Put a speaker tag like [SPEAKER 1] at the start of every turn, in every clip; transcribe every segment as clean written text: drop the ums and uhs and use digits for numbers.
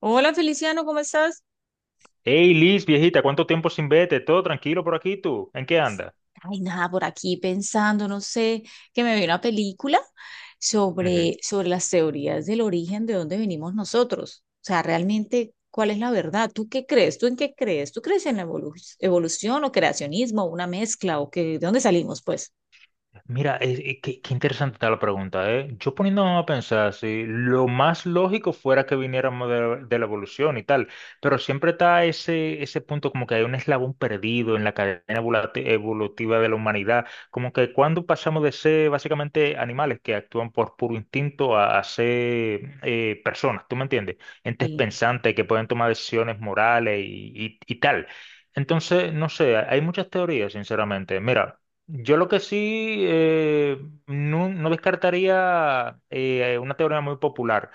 [SPEAKER 1] Hola Feliciano, ¿cómo estás?
[SPEAKER 2] Hey Liz, viejita, ¿cuánto tiempo sin verte? ¿Todo tranquilo por aquí tú? ¿En qué andas?
[SPEAKER 1] Ay, nada, por aquí pensando, no sé, que me vi una película sobre las teorías del origen de dónde venimos nosotros. O sea, realmente, ¿cuál es la verdad? ¿Tú qué crees? ¿Tú en qué crees? ¿Tú crees en la evolución o creacionismo, una mezcla o que de dónde salimos, pues?
[SPEAKER 2] Mira, qué interesante está la pregunta, ¿eh? Yo poniéndome a pensar, si lo más lógico fuera que viniéramos de la evolución y tal, pero siempre está ese punto como que hay un eslabón perdido en la cadena evolutiva de la humanidad, como que cuando pasamos de ser básicamente animales que actúan por puro instinto a ser personas, ¿tú me entiendes? Entes
[SPEAKER 1] Y
[SPEAKER 2] pensantes que pueden tomar decisiones morales y tal. Entonces, no sé, hay muchas teorías, sinceramente. Mira. Yo lo que sí no descartaría una teoría muy popular,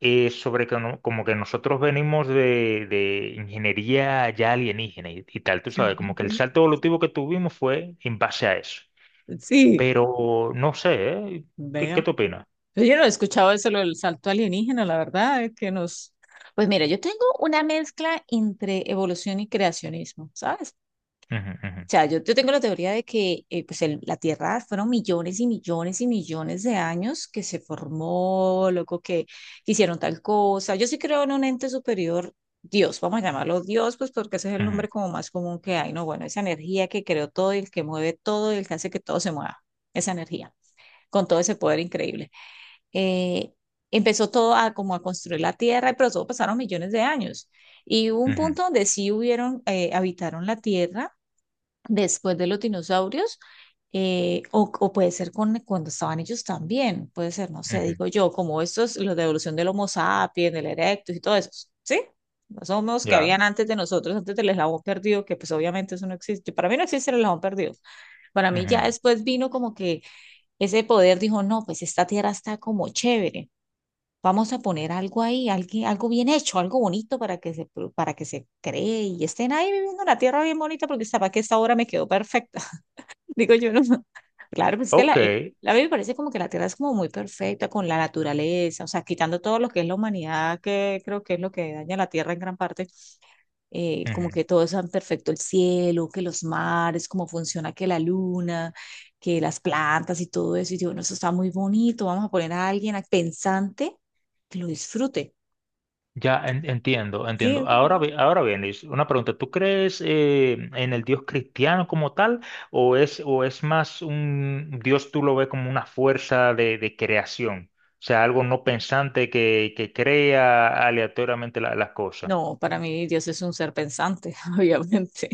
[SPEAKER 2] sobre que como que nosotros venimos de ingeniería ya alienígena y tal, tú sabes, como que el salto evolutivo que tuvimos fue en base a eso.
[SPEAKER 1] sí,
[SPEAKER 2] Pero no sé, ¿eh? ¿Qué
[SPEAKER 1] vea.
[SPEAKER 2] te opinas?
[SPEAKER 1] Pero yo no he escuchado eso, lo del salto alienígena, la verdad, es que nos... Pues mira, yo tengo una mezcla entre evolución y creacionismo, ¿sabes?
[SPEAKER 2] Ujú, ujú,
[SPEAKER 1] O sea, yo tengo la teoría de que pues la Tierra fueron millones y millones y millones de años que se formó, luego que hicieron tal cosa. Yo sí creo en un ente superior, Dios, vamos a llamarlo Dios, pues porque ese es el
[SPEAKER 2] ujú,
[SPEAKER 1] nombre como más común que hay, ¿no? Bueno, esa energía que creó todo y el que mueve todo y el que hace que todo se mueva, esa energía, con todo ese poder increíble. Eh, Empezó todo a como a construir la Tierra, pero todo pasaron millones de años. Y hubo un
[SPEAKER 2] ujú,
[SPEAKER 1] punto donde sí hubieron, habitaron la Tierra después de los dinosaurios, o puede ser cuando estaban ellos también, puede ser, no sé,
[SPEAKER 2] ujú.
[SPEAKER 1] digo yo, como estos, los de evolución del Homo sapiens, del Erectus y todo eso, ¿sí? Los homos que
[SPEAKER 2] Ya.
[SPEAKER 1] habían antes de nosotros, antes del eslabón perdido, que pues obviamente eso no existe, para mí no existe el eslabón perdido. Para mí ya
[SPEAKER 2] Ujú.
[SPEAKER 1] después vino como que ese poder dijo, no, pues esta tierra está como chévere. Vamos a poner algo ahí, algo bien hecho, algo bonito para que se, para que se cree y estén ahí viviendo la tierra bien bonita porque sabes que esta obra me quedó perfecta. Digo yo, no. No. Claro, pues es que
[SPEAKER 2] Ok.
[SPEAKER 1] la a mí me parece como que la tierra es como muy perfecta con la naturaleza, o sea, quitando todo lo que es la humanidad, que creo que es lo que daña la tierra en gran parte, como
[SPEAKER 2] Ujú.
[SPEAKER 1] que todo es tan perfecto, el cielo, que los mares, cómo funciona que la luna, que las plantas y todo eso. Y yo, bueno, eso está muy bonito, vamos a poner a pensante que lo disfrute.
[SPEAKER 2] Entiendo,
[SPEAKER 1] Sí,
[SPEAKER 2] entiendo. Ahora, ahora bien, Luis, una pregunta. ¿Tú crees en el Dios cristiano como tal o es más un Dios, tú lo ves como una fuerza de creación? O sea, algo no pensante que crea aleatoriamente las cosas.
[SPEAKER 1] no, para mí Dios es un ser pensante, obviamente.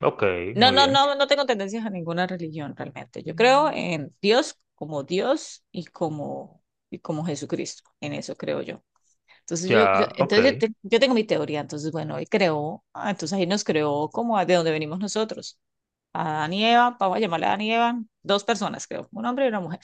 [SPEAKER 2] Ok,
[SPEAKER 1] No,
[SPEAKER 2] muy
[SPEAKER 1] no,
[SPEAKER 2] bien.
[SPEAKER 1] no, no tengo tendencias a ninguna religión realmente. Yo creo
[SPEAKER 2] Mm,
[SPEAKER 1] en Dios como Dios y como Jesucristo. En eso creo yo. Entonces
[SPEAKER 2] Ya, ok.
[SPEAKER 1] entonces yo tengo mi teoría, entonces bueno, él creó, ah, entonces ahí nos creó como de donde venimos nosotros, a Adán y Eva, vamos a llamarle a Adán y Eva, dos personas creo, un hombre y una mujer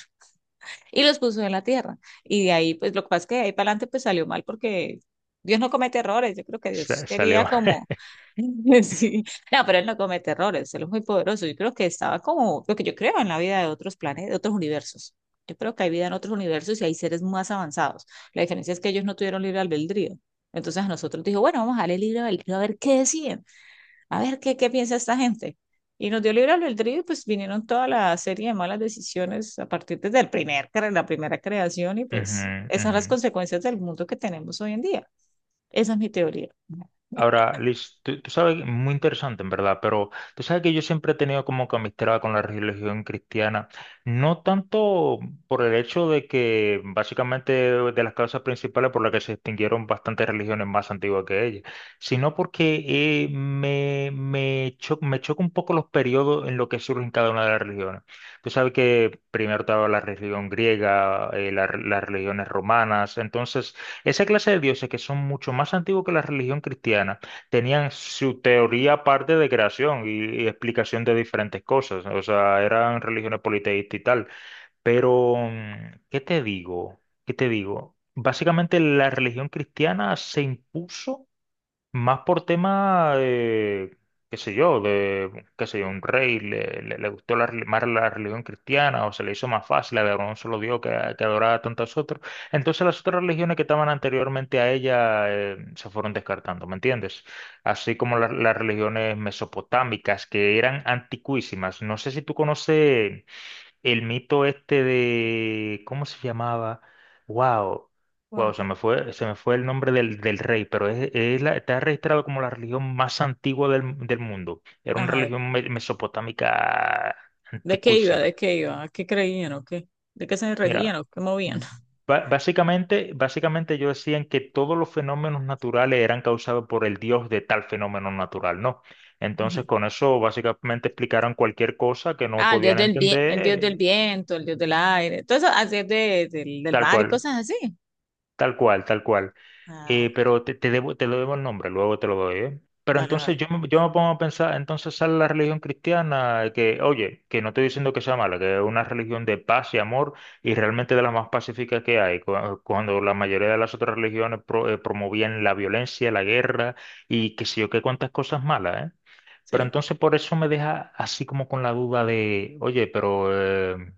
[SPEAKER 1] y los puso en la tierra. Y de ahí, pues lo que pasa es que de ahí para adelante pues salió mal porque Dios no comete errores, yo creo que Dios quería
[SPEAKER 2] Salió.
[SPEAKER 1] como... Sí. No, pero él no comete errores, él es muy poderoso. Yo creo que estaba como lo que yo creo en la vida de otros planetas, de otros universos. Yo creo que hay vida en otros universos y hay seres más avanzados. La diferencia es que ellos no tuvieron libre albedrío. Entonces a nosotros dijo, bueno, vamos a darle libre albedrío a ver qué deciden, a ver qué piensa esta gente. Y nos dio libre albedrío y pues vinieron toda la serie de malas decisiones a partir desde el primer, la primera creación y pues
[SPEAKER 2] Ujú,
[SPEAKER 1] esas son
[SPEAKER 2] ujú.
[SPEAKER 1] las consecuencias del mundo que tenemos hoy en día. Esa es mi teoría.
[SPEAKER 2] Ahora, Liz, tú sabes, muy interesante en verdad, pero tú sabes que yo siempre he tenido como que amistad con la religión cristiana, no tanto por el hecho de que básicamente de las causas principales por las que se extinguieron bastantes religiones más antiguas que ella, sino porque me choca un poco los periodos en los que surgen cada una de las religiones. Tú sabes que primero estaba la religión griega, las religiones romanas, entonces... Esa clase de dioses que son mucho más antiguos que la religión cristiana, tenían su teoría aparte de creación y explicación de diferentes cosas. O sea, eran religiones politeístas y tal. Pero, ¿qué te digo? ¿Qué te digo? Básicamente la religión cristiana se impuso más por tema, qué sé yo, qué sé yo, un rey le gustó más la religión cristiana, o se le hizo más fácil adorar a un solo Dios que adorar a tantos otros. Entonces las otras religiones que estaban anteriormente a ella se fueron descartando, ¿me entiendes? Así como las religiones mesopotámicas que eran anticuísimas. No sé si tú conoces el mito este de, ¿cómo se llamaba? Wow, wow,
[SPEAKER 1] Bueno,
[SPEAKER 2] se me fue el nombre del rey, pero es está registrado como la religión más antigua del mundo. Era una
[SPEAKER 1] ajá.
[SPEAKER 2] religión mesopotámica
[SPEAKER 1] ¿De qué iba?
[SPEAKER 2] antiquísima.
[SPEAKER 1] ¿De qué iba? ¿A qué creían o qué? ¿De qué se regían
[SPEAKER 2] Mira,
[SPEAKER 1] o qué movían?
[SPEAKER 2] básicamente ellos decían que todos los fenómenos naturales eran causados por el dios de tal fenómeno natural, ¿no?
[SPEAKER 1] Ujú.
[SPEAKER 2] Entonces, con eso básicamente explicaron cualquier cosa que no
[SPEAKER 1] Ah, el dios
[SPEAKER 2] podían
[SPEAKER 1] del bien, el dios del
[SPEAKER 2] entender,
[SPEAKER 1] viento, el dios del aire, todo eso, así es de, del
[SPEAKER 2] tal
[SPEAKER 1] mar y
[SPEAKER 2] cual.
[SPEAKER 1] cosas así.
[SPEAKER 2] Tal cual, tal cual.
[SPEAKER 1] Ah, ok.
[SPEAKER 2] Pero te debo, te lo debo el nombre, luego te lo doy, ¿eh? Pero
[SPEAKER 1] Vale, vale.
[SPEAKER 2] entonces yo me pongo a pensar, entonces sale la religión cristiana, que, oye, que no estoy diciendo que sea mala, que es una religión de paz y amor y realmente de las más pacíficas que hay, cuando la mayoría de las otras religiones promovían la violencia, la guerra y qué sé yo, qué cuantas cosas malas, ¿eh? Pero
[SPEAKER 1] Sí.
[SPEAKER 2] entonces por eso me deja así como con la duda de, oye, pero eh,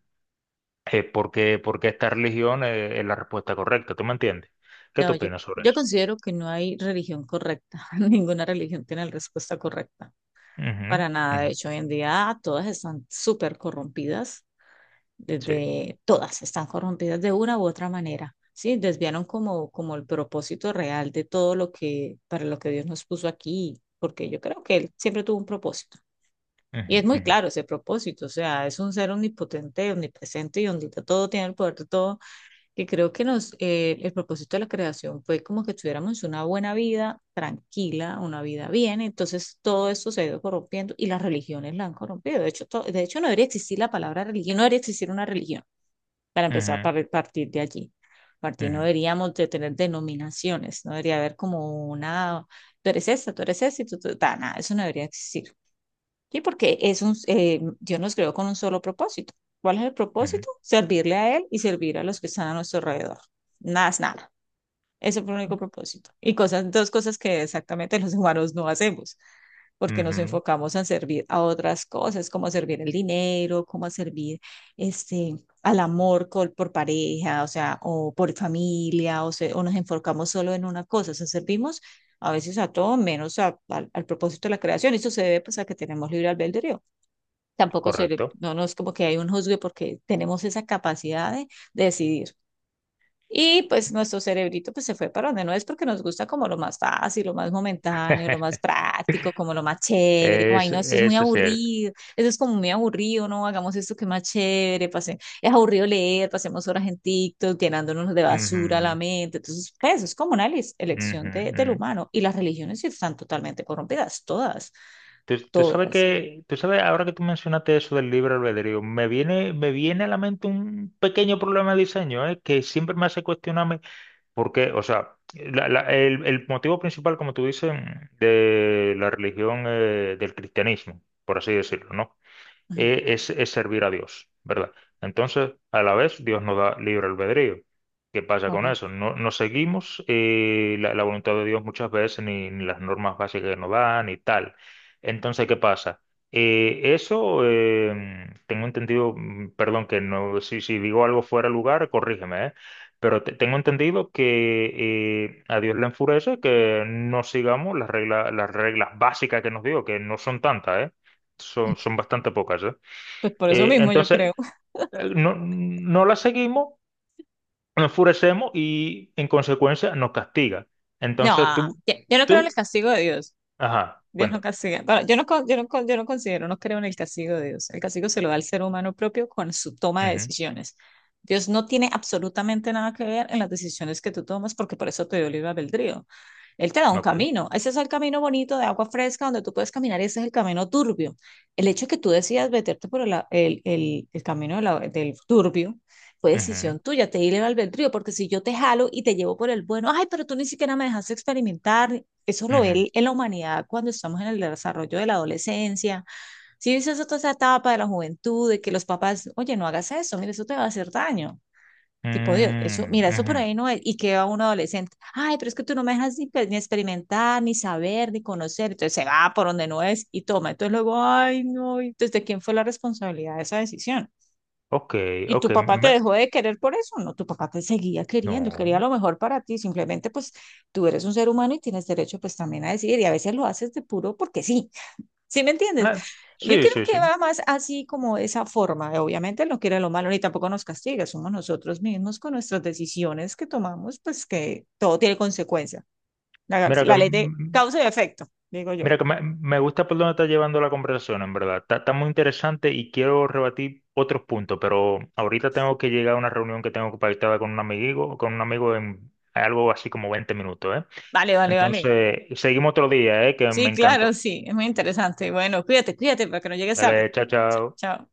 [SPEAKER 2] porque qué, ¿esta religión es la respuesta correcta? ¿Tú me entiendes? ¿Qué
[SPEAKER 1] No,
[SPEAKER 2] tú
[SPEAKER 1] yo,
[SPEAKER 2] opinas sobre
[SPEAKER 1] yo
[SPEAKER 2] eso?
[SPEAKER 1] considero que no hay religión correcta. Ninguna religión tiene la respuesta correcta.
[SPEAKER 2] Ujú,
[SPEAKER 1] Para nada. De
[SPEAKER 2] ujú,
[SPEAKER 1] hecho, hoy en día todas están súper corrompidas.
[SPEAKER 2] sí.
[SPEAKER 1] Desde todas están corrompidas de una u otra manera. Sí, desviaron como, como el propósito real de todo lo que, para lo que Dios nos puso aquí, porque yo creo que Él siempre tuvo un propósito. Y
[SPEAKER 2] Ujú,
[SPEAKER 1] es muy
[SPEAKER 2] ujú,
[SPEAKER 1] claro ese propósito, o sea, es un ser omnipotente, omnipresente y donde todo tiene el poder de todo, que creo que nos, el propósito de la creación fue como que tuviéramos una buena vida tranquila, una vida bien, entonces todo esto se ha ido corrompiendo y las religiones la han corrompido. De hecho, de hecho no debería existir la palabra religión, no debería existir una religión, para empezar, para partir de allí. Partir, no
[SPEAKER 2] ujú,
[SPEAKER 1] deberíamos de tener denominaciones, no debería haber como una, tú eres esta, y tú, nada, eso no debería existir. Sí, porque es un, Dios nos creó con un solo propósito. ¿Cuál es el
[SPEAKER 2] ujú,
[SPEAKER 1] propósito? Servirle a Él y servir a los que están a nuestro alrededor. Nada es nada. Ese fue el único propósito. Y cosas, dos cosas que exactamente los humanos no hacemos,
[SPEAKER 2] ujú,
[SPEAKER 1] porque nos
[SPEAKER 2] ujú,
[SPEAKER 1] enfocamos en servir a otras cosas, como a servir el dinero, como a servir este, al amor por pareja, o sea, o por familia, o, o nos enfocamos solo en una cosa, o sea, servimos a veces a todo menos al al propósito de la creación. Eso se debe pues, a que tenemos libre albedrío. Tampoco se,
[SPEAKER 2] correcto.
[SPEAKER 1] no, no es como que hay un juzgue porque tenemos esa capacidad de decidir. Y pues nuestro cerebrito pues se fue para donde no es porque nos gusta como lo más fácil, lo más momentáneo, lo más práctico, como lo más chévere, como ay
[SPEAKER 2] Es,
[SPEAKER 1] no, esto es muy
[SPEAKER 2] eso es cierto.
[SPEAKER 1] aburrido, eso es como muy aburrido, no, hagamos esto que es más chévere, pase, es aburrido leer, pasemos horas en TikTok llenándonos de basura la
[SPEAKER 2] Ujú,
[SPEAKER 1] mente, entonces pues es como una elección
[SPEAKER 2] ujú,
[SPEAKER 1] de, del
[SPEAKER 2] ujú.
[SPEAKER 1] humano y las religiones sí están totalmente corrompidas, todas,
[SPEAKER 2] Tú sabes
[SPEAKER 1] todas.
[SPEAKER 2] que, tú sabes, ahora que tú mencionaste eso del libre albedrío, me viene a la mente un pequeño problema de diseño, que siempre me hace cuestionarme. Porque, o sea, el motivo principal, como tú dices, de la religión, del cristianismo, por así decirlo, ¿no?
[SPEAKER 1] Ujú.
[SPEAKER 2] Es servir a Dios, ¿verdad? Entonces, a la vez, Dios nos da libre albedrío. ¿Qué pasa con eso? No seguimos la voluntad de Dios muchas veces, ni las normas básicas que nos dan, ni tal. Entonces, ¿qué pasa? Eh, eso, eh, tengo entendido, perdón, que no, si digo algo fuera de lugar, corrígeme, ¿eh? Pero tengo entendido que a Dios le enfurece que no sigamos las reglas básicas que nos dio, que no son tantas, ¿eh? Son bastante pocas, ¿eh?
[SPEAKER 1] Pues por eso mismo yo creo.
[SPEAKER 2] Entonces, no la seguimos, nos enfurecemos y en consecuencia nos castiga.
[SPEAKER 1] No,
[SPEAKER 2] Entonces
[SPEAKER 1] ah,
[SPEAKER 2] tú,
[SPEAKER 1] yo no
[SPEAKER 2] tú
[SPEAKER 1] creo en el
[SPEAKER 2] en-
[SPEAKER 1] castigo de Dios.
[SPEAKER 2] ajá,
[SPEAKER 1] Dios no
[SPEAKER 2] cuenta.
[SPEAKER 1] castiga. Bueno, yo no considero, no creo en el castigo de Dios. El castigo se lo da al ser humano propio con su toma de
[SPEAKER 2] Ujú,
[SPEAKER 1] decisiones. Dios no tiene absolutamente nada que ver en las decisiones que tú tomas porque por eso te dio libre albedrío. Él te da
[SPEAKER 2] me
[SPEAKER 1] un
[SPEAKER 2] acuerdo.
[SPEAKER 1] camino. Ese es el camino bonito de agua fresca donde tú puedes caminar y ese es el camino turbio. El hecho que tú decidas meterte por el camino de del turbio fue
[SPEAKER 2] Ujú,
[SPEAKER 1] decisión tuya, te di libre albedrío, porque si yo te jalo y te llevo por el bueno, ay, pero tú ni siquiera me dejaste experimentar. Eso lo ve
[SPEAKER 2] ujú,
[SPEAKER 1] en la humanidad cuando estamos en el desarrollo de la adolescencia. Si dices toda esa etapa de la juventud, de que los papás, oye, no hagas eso, mira, eso te va a hacer daño. Tipo, Dios, eso, mira, eso por ahí
[SPEAKER 2] ujú.
[SPEAKER 1] no es. Y queda un adolescente. Ay, pero es que tú no me dejas ni experimentar, ni saber, ni conocer. Entonces se va por donde no es y toma. Entonces luego, ay, no, ¿desde quién fue la responsabilidad de esa decisión?
[SPEAKER 2] Ok,
[SPEAKER 1] ¿Y
[SPEAKER 2] ok,
[SPEAKER 1] tu papá te
[SPEAKER 2] me-
[SPEAKER 1] dejó de querer por eso? No, tu papá te seguía queriendo, él quería
[SPEAKER 2] no.
[SPEAKER 1] lo mejor para ti. Simplemente, pues, tú eres un ser humano y tienes derecho, pues, también a decidir. Y a veces lo haces de puro porque sí. ¿Sí me entiendes?
[SPEAKER 2] Ah,
[SPEAKER 1] Yo
[SPEAKER 2] sí,
[SPEAKER 1] creo
[SPEAKER 2] sí,
[SPEAKER 1] que
[SPEAKER 2] sí.
[SPEAKER 1] va más así como de esa forma. Obviamente no quiere lo malo ni tampoco nos castiga. Somos nosotros mismos con nuestras decisiones que tomamos, pues que todo tiene consecuencia. La,
[SPEAKER 2] Mira que
[SPEAKER 1] la ley de causa y efecto, digo yo.
[SPEAKER 2] mira, me gusta por dónde está llevando la conversación, en verdad. Está, está muy interesante y quiero rebatir otros puntos, pero ahorita tengo que llegar a una reunión que tengo pactada con un amigo en algo así como 20 minutos, ¿eh?
[SPEAKER 1] Vale, vale, vale.
[SPEAKER 2] Entonces, seguimos otro día, ¿eh? Que me
[SPEAKER 1] Sí, claro,
[SPEAKER 2] encantó.
[SPEAKER 1] sí. Es muy interesante. Bueno, cuídate, cuídate para que no llegues tarde.
[SPEAKER 2] Dale, chao, chao.
[SPEAKER 1] Chao.